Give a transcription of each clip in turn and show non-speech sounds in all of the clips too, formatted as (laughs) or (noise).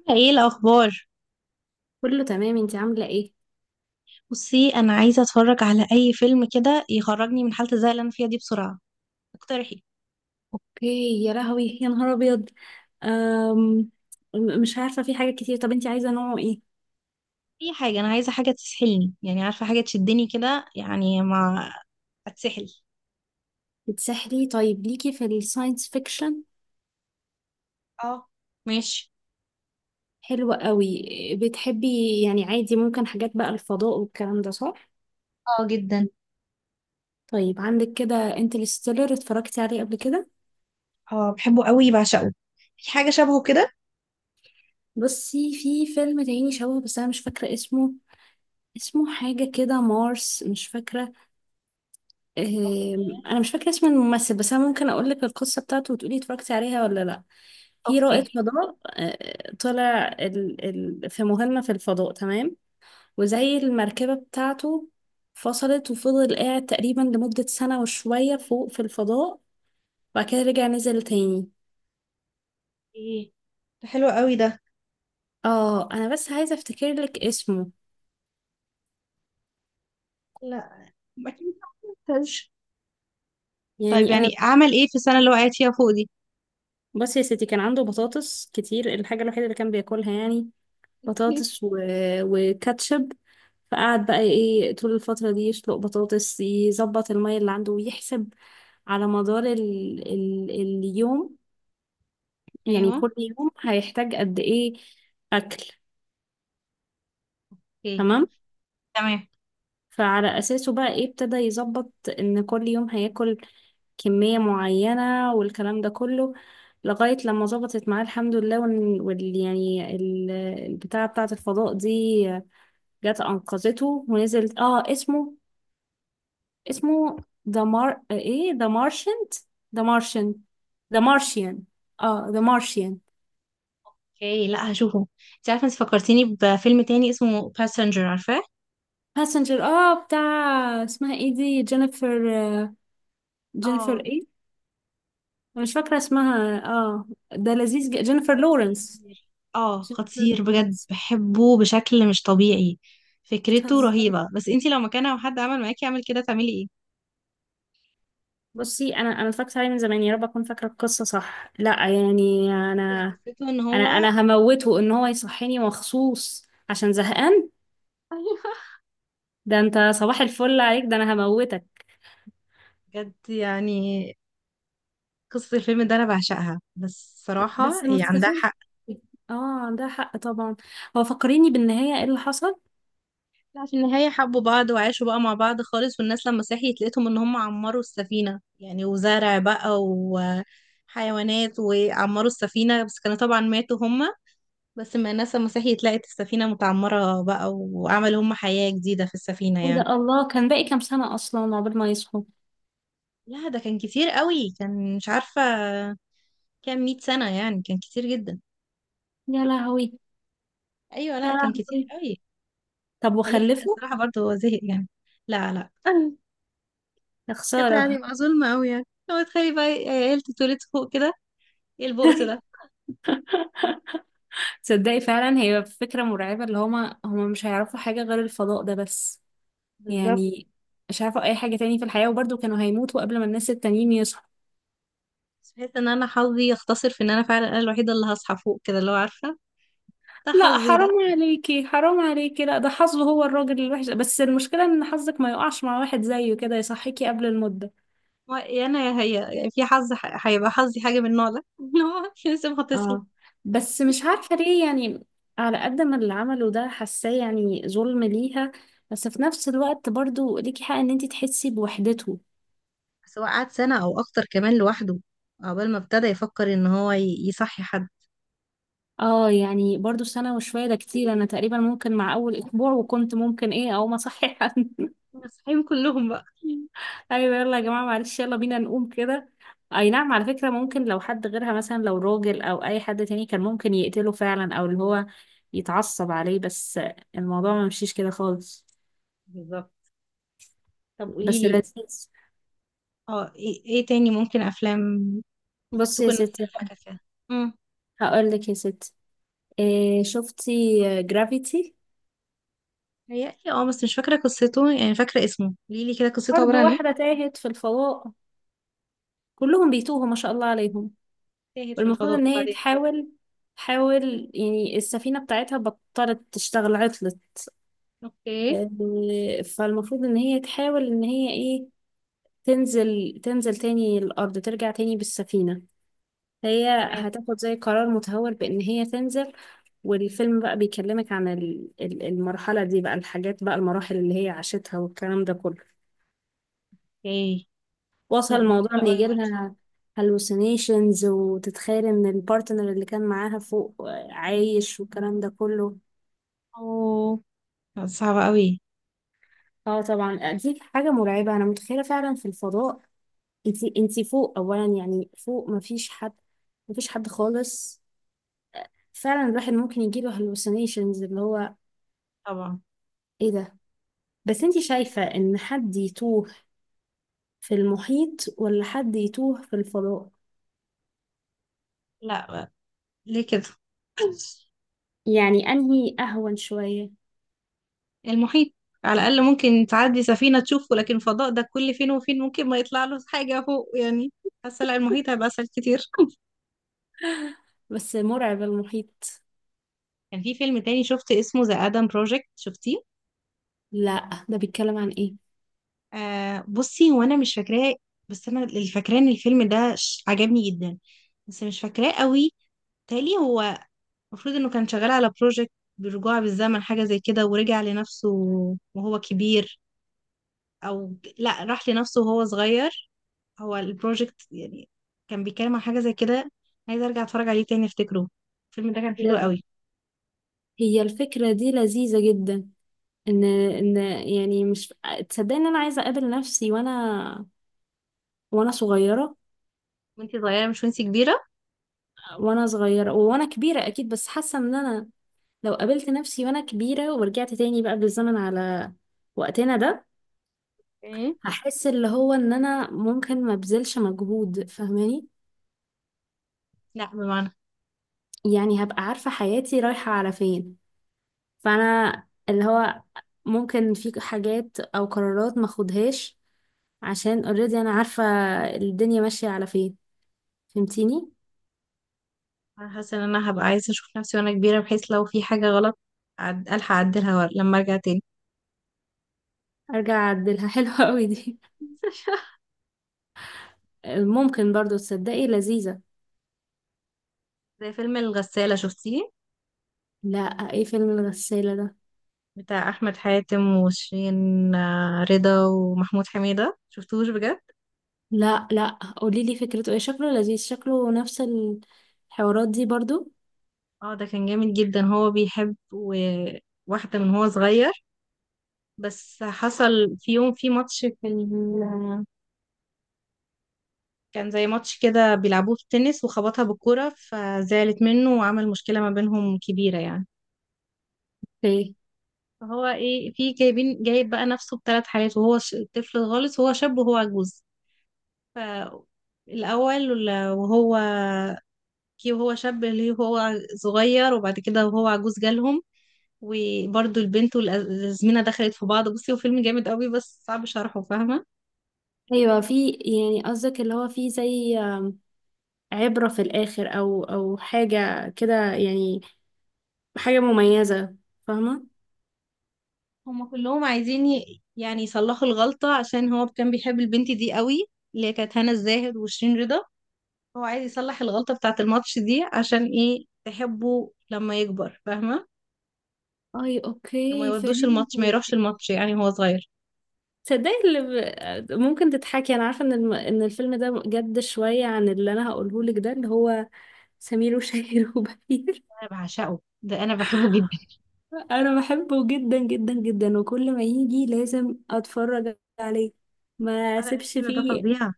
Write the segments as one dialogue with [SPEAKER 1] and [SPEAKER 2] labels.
[SPEAKER 1] عاملة ايه الأخبار؟
[SPEAKER 2] كله تمام، انتي عاملة ايه؟
[SPEAKER 1] بصي، أنا عايزة أتفرج على أي فيلم كده يخرجني من حالة الزهق اللي أنا فيها دي بسرعة، اقترحي
[SPEAKER 2] اوكي، يا لهوي يا نهار ابيض. أم... مش عارفة، في حاجات كتير. طب انتي عايزة نوعه ايه؟
[SPEAKER 1] أي حاجة. أنا عايزة حاجة تسحلني، يعني عارفة حاجة تشدني كده، يعني ما أتسحل.
[SPEAKER 2] بتسحلي؟ طيب ليكي في الساينس فيكشن.
[SPEAKER 1] اه، ماشي.
[SPEAKER 2] حلوة قوي. بتحبي يعني عادي ممكن حاجات بقى الفضاء والكلام ده، صح؟
[SPEAKER 1] اه جدا.
[SPEAKER 2] طيب عندك كده انترستيلر، اتفرجتي عليه قبل كده؟
[SPEAKER 1] اه، بحبه قوي، بعشقه. في حاجة شبهه كده؟
[SPEAKER 2] بصي، في فيلم تاني شبهه بس انا مش فاكرة اسمه. اسمه حاجة كده مارس، مش فاكرة. انا مش فاكره اسم الممثل، بس انا ممكن اقول لك القصه بتاعته وتقولي اتفرجتي عليها ولا لا. في
[SPEAKER 1] اوكي.
[SPEAKER 2] رائد فضاء، طلع في مهمه في الفضاء، تمام. وزي المركبه بتاعته فصلت وفضل قاعد تقريبا لمده سنه وشويه فوق في الفضاء. وبعد كده رجع نزل تاني.
[SPEAKER 1] ايه، ده حلو قوي ده.
[SPEAKER 2] اه، انا بس عايزه افتكر لك اسمه.
[SPEAKER 1] لا، أكيد ما كنتش. طيب
[SPEAKER 2] يعني
[SPEAKER 1] يعني
[SPEAKER 2] انا.
[SPEAKER 1] أعمل ايه في السنة اللي وقعت فيها فوق دي؟
[SPEAKER 2] بصي يا ستي، كان عنده بطاطس كتير. الحاجه الوحيده اللي كان بياكلها يعني
[SPEAKER 1] اوكي.
[SPEAKER 2] بطاطس وكاتشب. فقعد بقى ايه طول الفترة دي يسلق بطاطس، يظبط المية اللي عنده، ويحسب على مدار اليوم يعني
[SPEAKER 1] ايوه.
[SPEAKER 2] كل يوم هيحتاج قد ايه أكل.
[SPEAKER 1] اوكي.
[SPEAKER 2] تمام.
[SPEAKER 1] تمام.
[SPEAKER 2] فعلى أساسه بقى ايه ابتدى يظبط إن كل يوم هياكل كمية معينة والكلام ده كله، لغاية لما ظبطت معاه الحمد لله. البتاعة بتاعة الفضاء دي جت أنقذته ونزلت. اه، اسمه ذا مار ايه، ذا مارشن ذا مارشيان. اه، ذا مارشيان.
[SPEAKER 1] اوكي، لا هشوفه. انت عارفه، انت فكرتيني بفيلم تاني اسمه باسنجر، عارفاه؟
[SPEAKER 2] باسنجر، بتاع اسمها ايه دي، جينيفر جينيفر
[SPEAKER 1] اه،
[SPEAKER 2] ايه؟ أنا مش فاكرة اسمها. اه، ده لذيذ. جينيفر لورنس.
[SPEAKER 1] خطير. اه
[SPEAKER 2] جينيفر
[SPEAKER 1] خطير بجد،
[SPEAKER 2] لورنس.
[SPEAKER 1] بحبه بشكل مش طبيعي. فكرته
[SPEAKER 2] بتهزري؟
[SPEAKER 1] رهيبه، بس انت لو مكانها وحد عمل معاكي يعمل كده، تعملي ايه؟
[SPEAKER 2] بصي، انا اتفرجت عليه من زمان، يا رب اكون فاكرة القصة صح. لا يعني
[SPEAKER 1] هي
[SPEAKER 2] انا.
[SPEAKER 1] قصته ان
[SPEAKER 2] انا
[SPEAKER 1] هو (laughs)
[SPEAKER 2] انا هموته ان هو يصحيني مخصوص عشان زهقان.
[SPEAKER 1] ايوه،
[SPEAKER 2] ده انت صباح الفل عليك؟ ده انا هموتك.
[SPEAKER 1] بجد يعني. قصة الفيلم ده أنا بعشقها، بس صراحة
[SPEAKER 2] بس
[SPEAKER 1] هي
[SPEAKER 2] مستفز.
[SPEAKER 1] عندها حق.
[SPEAKER 2] اه، عندها حق طبعا. هو فكريني، بالنهاية ايه اللي حصل؟
[SPEAKER 1] لا، في النهاية حبوا بعض وعاشوا بقى مع بعض خالص، والناس لما صحيت لقيتهم ان هم عمروا السفينة يعني، وزرع بقى وحيوانات وعمروا السفينة، بس كانوا طبعا ماتوا هم. بس ما الناس لما صحيت لقت السفينة متعمرة بقى، وعملوا هم حياة جديدة في السفينة
[SPEAKER 2] ايه ده!
[SPEAKER 1] يعني.
[SPEAKER 2] الله، كان باقي كام سنة اصلا عقبال ما يصحوا؟
[SPEAKER 1] لا ده كان كتير قوي، كان مش عارفة كام مئة سنة يعني، كان كتير جدا.
[SPEAKER 2] يا لهوي
[SPEAKER 1] ايوه،
[SPEAKER 2] يا
[SPEAKER 1] لا كان كتير
[SPEAKER 2] لهوي.
[SPEAKER 1] قوي.
[SPEAKER 2] طب
[SPEAKER 1] فليه حق
[SPEAKER 2] وخلفوا؟
[SPEAKER 1] الصراحة برضه، هو زهق يعني. لا لا (laughs)
[SPEAKER 2] يا
[SPEAKER 1] كانت
[SPEAKER 2] خسارة.
[SPEAKER 1] هتبقى ظلمة قوي يعني، لو تخيلي بقى عيلة اتولدت فوق كده، ايه البؤس ده.
[SPEAKER 2] (laughs) تصدقي، فعلا هي فكرة مرعبة، اللي هما مش هيعرفوا حاجة غير الفضاء ده بس.
[SPEAKER 1] بالظبط.
[SPEAKER 2] يعني مش هيعرفوا اي حاجة تاني في الحياة، وبرضه كانوا هيموتوا قبل ما الناس التانيين يصحوا.
[SPEAKER 1] بس بحس ان انا حظي يختصر في ان انا فعلا انا الوحيده اللي هصحى فوق كده، اللي هو عارفه، ده
[SPEAKER 2] لا
[SPEAKER 1] حظي
[SPEAKER 2] حرام
[SPEAKER 1] ده.
[SPEAKER 2] عليكي، حرام عليكي. لا، ده حظه هو الراجل الوحش، بس المشكلة ان حظك ما يقعش مع واحد زيه كده يصحيكي قبل المدة.
[SPEAKER 1] هو يا انا يا هي يعني، في حظ هيبقى حظي حاجه من النوع ده (laughs) اللي هو لازم هتصحي.
[SPEAKER 2] اه، بس مش عارفة ليه يعني، على قد ما اللي عمله ده حاساه يعني ظلم ليها، بس في نفس الوقت برضو ليكي حق ان انتي تحسي بوحدته.
[SPEAKER 1] بس هو قعد سنه او اكتر كمان لوحده، عقبال ما ابتدى يفكر ان هو يصحي حد.
[SPEAKER 2] اه، يعني برضو سنة وشوية ده كتير. انا تقريبا ممكن مع اول اسبوع، وكنت ممكن ايه، اقوم اصحي. (laughs)
[SPEAKER 1] صحيهم كلهم بقى.
[SPEAKER 2] ايوه، يلا يا جماعة معلش، يلا بينا نقوم كده. اي نعم، على فكرة ممكن لو حد غيرها، مثلا لو راجل او اي حد تاني، كان ممكن يقتله فعلا، او اللي هو يتعصب عليه، بس الموضوع ما مشيش كده خالص.
[SPEAKER 1] بالظبط. طب قولي
[SPEAKER 2] بس
[SPEAKER 1] لي.
[SPEAKER 2] لذيذ.
[SPEAKER 1] اه، ايه إيه تاني ممكن افلام
[SPEAKER 2] بصي يا
[SPEAKER 1] تكون نفس
[SPEAKER 2] ستي،
[SPEAKER 1] اللي حكى فيها. امم،
[SPEAKER 2] هقول لك يا ستي. إيه، شفتي جرافيتي؟
[SPEAKER 1] هي اه، بس مش فاكره قصته، يعني فاكره اسمه. قولي لي كده قصته عباره
[SPEAKER 2] برضو
[SPEAKER 1] عن ايه.
[SPEAKER 2] واحدة تاهت في الفضاء. كلهم بيتوهوا ما شاء الله عليهم.
[SPEAKER 1] تاهت في
[SPEAKER 2] والمفروض
[SPEAKER 1] الفضاء
[SPEAKER 2] ان هي
[SPEAKER 1] بعدين؟
[SPEAKER 2] تحاول يعني، السفينة بتاعتها بطلت تشتغل، عطلت.
[SPEAKER 1] اوكي.
[SPEAKER 2] فالمفروض ان هي تحاول ان هي ايه، تنزل تاني الارض، ترجع تاني بالسفينة. هي
[SPEAKER 1] تمام.
[SPEAKER 2] هتاخد زي قرار متهور بان هي تنزل. والفيلم بقى بيكلمك عن المرحلة دي بقى، الحاجات بقى، المراحل اللي هي عاشتها والكلام ده كله.
[SPEAKER 1] اوكي.
[SPEAKER 2] وصل
[SPEAKER 1] لا ده حلو
[SPEAKER 2] الموضوع ان
[SPEAKER 1] قوي
[SPEAKER 2] يجي
[SPEAKER 1] برضه.
[SPEAKER 2] لها هلوسينيشنز، وتتخيل ان البارتنر اللي كان معاها فوق عايش والكلام ده كله.
[SPEAKER 1] اوه، لا، صعبة قوي.
[SPEAKER 2] اه طبعا. دي حاجة مرعبة، انا متخيلة فعلا في الفضاء. انتي فوق اولا، يعني فوق مفيش حد. مفيش حد خالص. فعلا الواحد ممكن يجيله هلوسينيشنز، اللي هو
[SPEAKER 1] طبعا.
[SPEAKER 2] ايه ده. بس انتي شايفة ان حد يتوه في المحيط، ولا حد يتوه في الفضاء،
[SPEAKER 1] لا. ليه كده؟
[SPEAKER 2] يعني انهي اهون شوية؟
[SPEAKER 1] المحيط. على الأقل ممكن تعدي سفينة تشوفه، لكن فضاء ده كل فين وفين ممكن ما يطلع له حاجة فوق يعني. حاسة لا، المحيط هيبقى أسهل كتير (laughs)
[SPEAKER 2] بس مرعب المحيط.
[SPEAKER 1] كان في فيلم تاني شفت اسمه ذا آدم بروجكت، شفتيه؟
[SPEAKER 2] لا، ده بيتكلم عن ايه؟
[SPEAKER 1] آه، بصي، وانا مش فاكراه، بس انا اللي فاكراه ان الفيلم ده عجبني جدا، بس مش فاكراه قوي. تالي هو المفروض انه كان شغال على بروجكت بالرجوع بالزمن، حاجة زي كده، ورجع لنفسه وهو كبير، او لا، راح لنفسه وهو صغير. هو البروجكت يعني كان بيتكلم عن حاجة زي كده. عايزة ارجع اتفرج عليه تاني افتكره، الفيلم ده كان حلو قوي.
[SPEAKER 2] هي الفكرة دي لذيذة جدا، ان ان، يعني مش. تصدقني ان انا عايزة اقابل نفسي وانا صغيرة.
[SPEAKER 1] وانتي صغيرة مش وانتي كبيرة؟
[SPEAKER 2] وانا صغيرة وانا كبيرة اكيد، بس حاسة ان انا لو قابلت نفسي وانا كبيرة ورجعت تاني بقى بالزمن على وقتنا ده،
[SPEAKER 1] ايه.
[SPEAKER 2] هحس اللي هو ان انا ممكن ما بذلش مجهود، فاهماني؟
[SPEAKER 1] لا بمعنى،
[SPEAKER 2] يعني هبقى عارفة حياتي رايحة على فين، فانا اللي هو ممكن في حاجات او قرارات ما اخدهاش، عشان اوريدي انا عارفة الدنيا ماشية على فين، فهمتيني؟
[SPEAKER 1] انا حاسة ان انا هبقى عايزة اشوف نفسي وانا كبيرة، بحيث لو في حاجة غلط الحق اعدلها لما ارجع تاني.
[SPEAKER 2] ارجع اعدلها. (laughs) حلوة قوي دي.
[SPEAKER 1] (laughs)
[SPEAKER 2] ممكن برضو، تصدقي لذيذة.
[SPEAKER 1] زي فيلم الغسالة، شفتيه؟
[SPEAKER 2] لا، ايه فيلم الغسالة ده؟
[SPEAKER 1] بتاع احمد حاتم وشيرين آه، رضا، ومحمود حميدة، شفتوش بجد؟
[SPEAKER 2] لا لا، قولي لي فكرته ايه، شكله لذيذ، شكله نفس الحوارات دي برضو.
[SPEAKER 1] اه ده كان جامد جدا. هو بيحب واحدة من هو صغير، بس حصل في يوم في ماتش في ال... كان زي ماتش كده بيلعبوه في التنس، وخبطها بالكرة فزعلت منه، وعمل مشكلة ما بينهم كبيرة يعني.
[SPEAKER 2] ايه؟
[SPEAKER 1] فهو ايه، في جايب بقى نفسه بثلاث حالات، وهو طفل خالص، وهو شاب، وهو عجوز. فالأول وهو كي، وهو شاب ليه، وهو صغير، وبعد كده وهو عجوز جالهم، وبرضه البنت، والأزمنة دخلت في بعض. بصي، هو فيلم جامد قوي بس صعب شرحه، فاهمة؟
[SPEAKER 2] ايوه، في يعني قصدك اللي هو في زي عبرة في الاخر، او حاجة كده يعني، حاجة مميزة، فاهمة؟
[SPEAKER 1] هما كلهم عايزين يعني يصلحوا الغلطة، عشان هو كان بيحب البنت دي قوي، اللي هي كانت هنا الزاهد وشيرين رضا. هو عايز يصلح الغلطة بتاعة الماتش دي عشان ايه، تحبه لما يكبر، فاهمة؟
[SPEAKER 2] اي
[SPEAKER 1] انه ما
[SPEAKER 2] اوكي
[SPEAKER 1] يودوش الماتش، ما يروحش
[SPEAKER 2] فهمتك.
[SPEAKER 1] الماتش يعني، هو صغير.
[SPEAKER 2] تصدقي اللي ممكن تضحكي، انا عارفه ان الفيلم ده جد شويه عن اللي انا هقوله لك ده، اللي هو سمير وشهير (laughs) وبهير.
[SPEAKER 1] انا بعشقه ده، انا بحبه جدا.
[SPEAKER 2] انا بحبه جدا جدا جدا، وكل ما يجي لازم اتفرج عليه، ما
[SPEAKER 1] انا
[SPEAKER 2] اسيبش
[SPEAKER 1] الفيلم ده
[SPEAKER 2] فيه.
[SPEAKER 1] فظيع.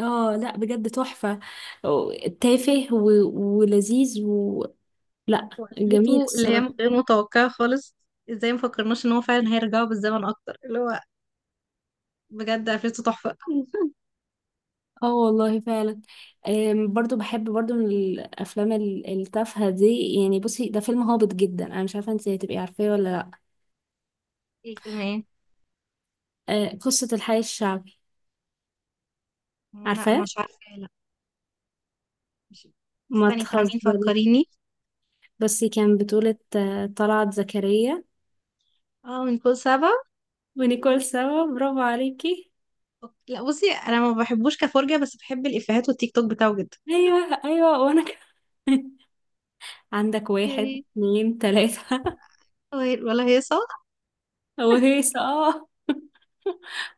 [SPEAKER 2] اه لا بجد تحفه، تافه ولذيذ و... لا جميل
[SPEAKER 1] وقفلته اللي هي
[SPEAKER 2] الصراحه.
[SPEAKER 1] غير متوقعة خالص. ازاي مفكرناش ان هو فعلا هيرجعوا بالزمن اكتر، اللي هو بجد قفلته تحفة.
[SPEAKER 2] اه والله فعلا. برضو بحب برضو من الافلام التافهه دي. يعني بصي، ده فيلم هابط جدا، انا مش عارفه انت هتبقي عارفاه ولا لا.
[SPEAKER 1] ايه الفيلم ايه؟
[SPEAKER 2] قصة الحي الشعبي.
[SPEAKER 1] لا
[SPEAKER 2] عارفاه؟
[SPEAKER 1] مش عارفة، لا. مش
[SPEAKER 2] ما
[SPEAKER 1] استني، بتاع مين،
[SPEAKER 2] تهزري.
[SPEAKER 1] فكريني.
[SPEAKER 2] بس كان بطولة طلعت زكريا
[SPEAKER 1] اه، من كل سبع.
[SPEAKER 2] ونيكول سوا. برافو عليكي.
[SPEAKER 1] لا بصي انا ما بحبوش كفرجة، بس بحب الافيهات والتيك توك بتاعه جدا
[SPEAKER 2] ايوه ايوه، وانا كمان. (laughs) عندك واحد
[SPEAKER 1] يعني.
[SPEAKER 2] اتنين تلاتة (laughs)
[SPEAKER 1] ولا هي صح؟
[SPEAKER 2] وهيصة، اه.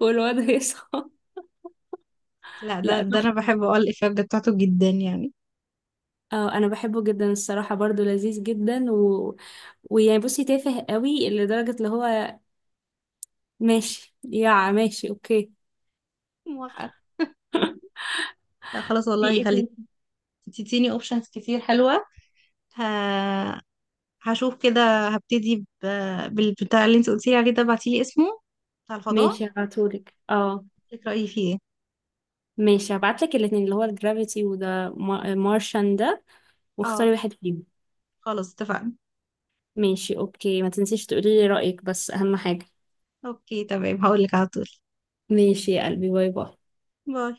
[SPEAKER 2] والواد هيصة.
[SPEAKER 1] لا،
[SPEAKER 2] (laughs)
[SPEAKER 1] ده
[SPEAKER 2] لا
[SPEAKER 1] ده انا
[SPEAKER 2] تحفة.
[SPEAKER 1] بحب اقول الافيهات بتاعته جدا يعني.
[SPEAKER 2] اه انا بحبه جدا الصراحة، برضو لذيذ جدا و... ويعني بصي تافه قوي لدرجة اللي هو ماشي يا ماشي، اوكي.
[SPEAKER 1] موافقة. لا خلاص،
[SPEAKER 2] في
[SPEAKER 1] والله
[SPEAKER 2] ايه
[SPEAKER 1] خلي.
[SPEAKER 2] تاني؟
[SPEAKER 1] تديني اوبشنز كتير حلوة. ه... هشوف كده، هبتدي ب... بالبتاع اللي انت قلتيلي عليه ده، ابعتيلي اسمه، بتاع الفضاء.
[SPEAKER 2] ماشي هبعتهولك، اه.
[SPEAKER 1] لك رأيي فيه ايه.
[SPEAKER 2] ماشي هبعتلك الاتنين، اللي هو الجرافيتي، وده مارشان ده، واختاري
[SPEAKER 1] اه،
[SPEAKER 2] واحد فيهم.
[SPEAKER 1] خلاص اتفقنا.
[SPEAKER 2] ماشي، اوكي، ما تنسيش تقولي لي رأيك، بس اهم حاجة.
[SPEAKER 1] اوكي تمام، هقولك على طول.
[SPEAKER 2] ماشي يا قلبي، باي باي.
[SPEAKER 1] باي.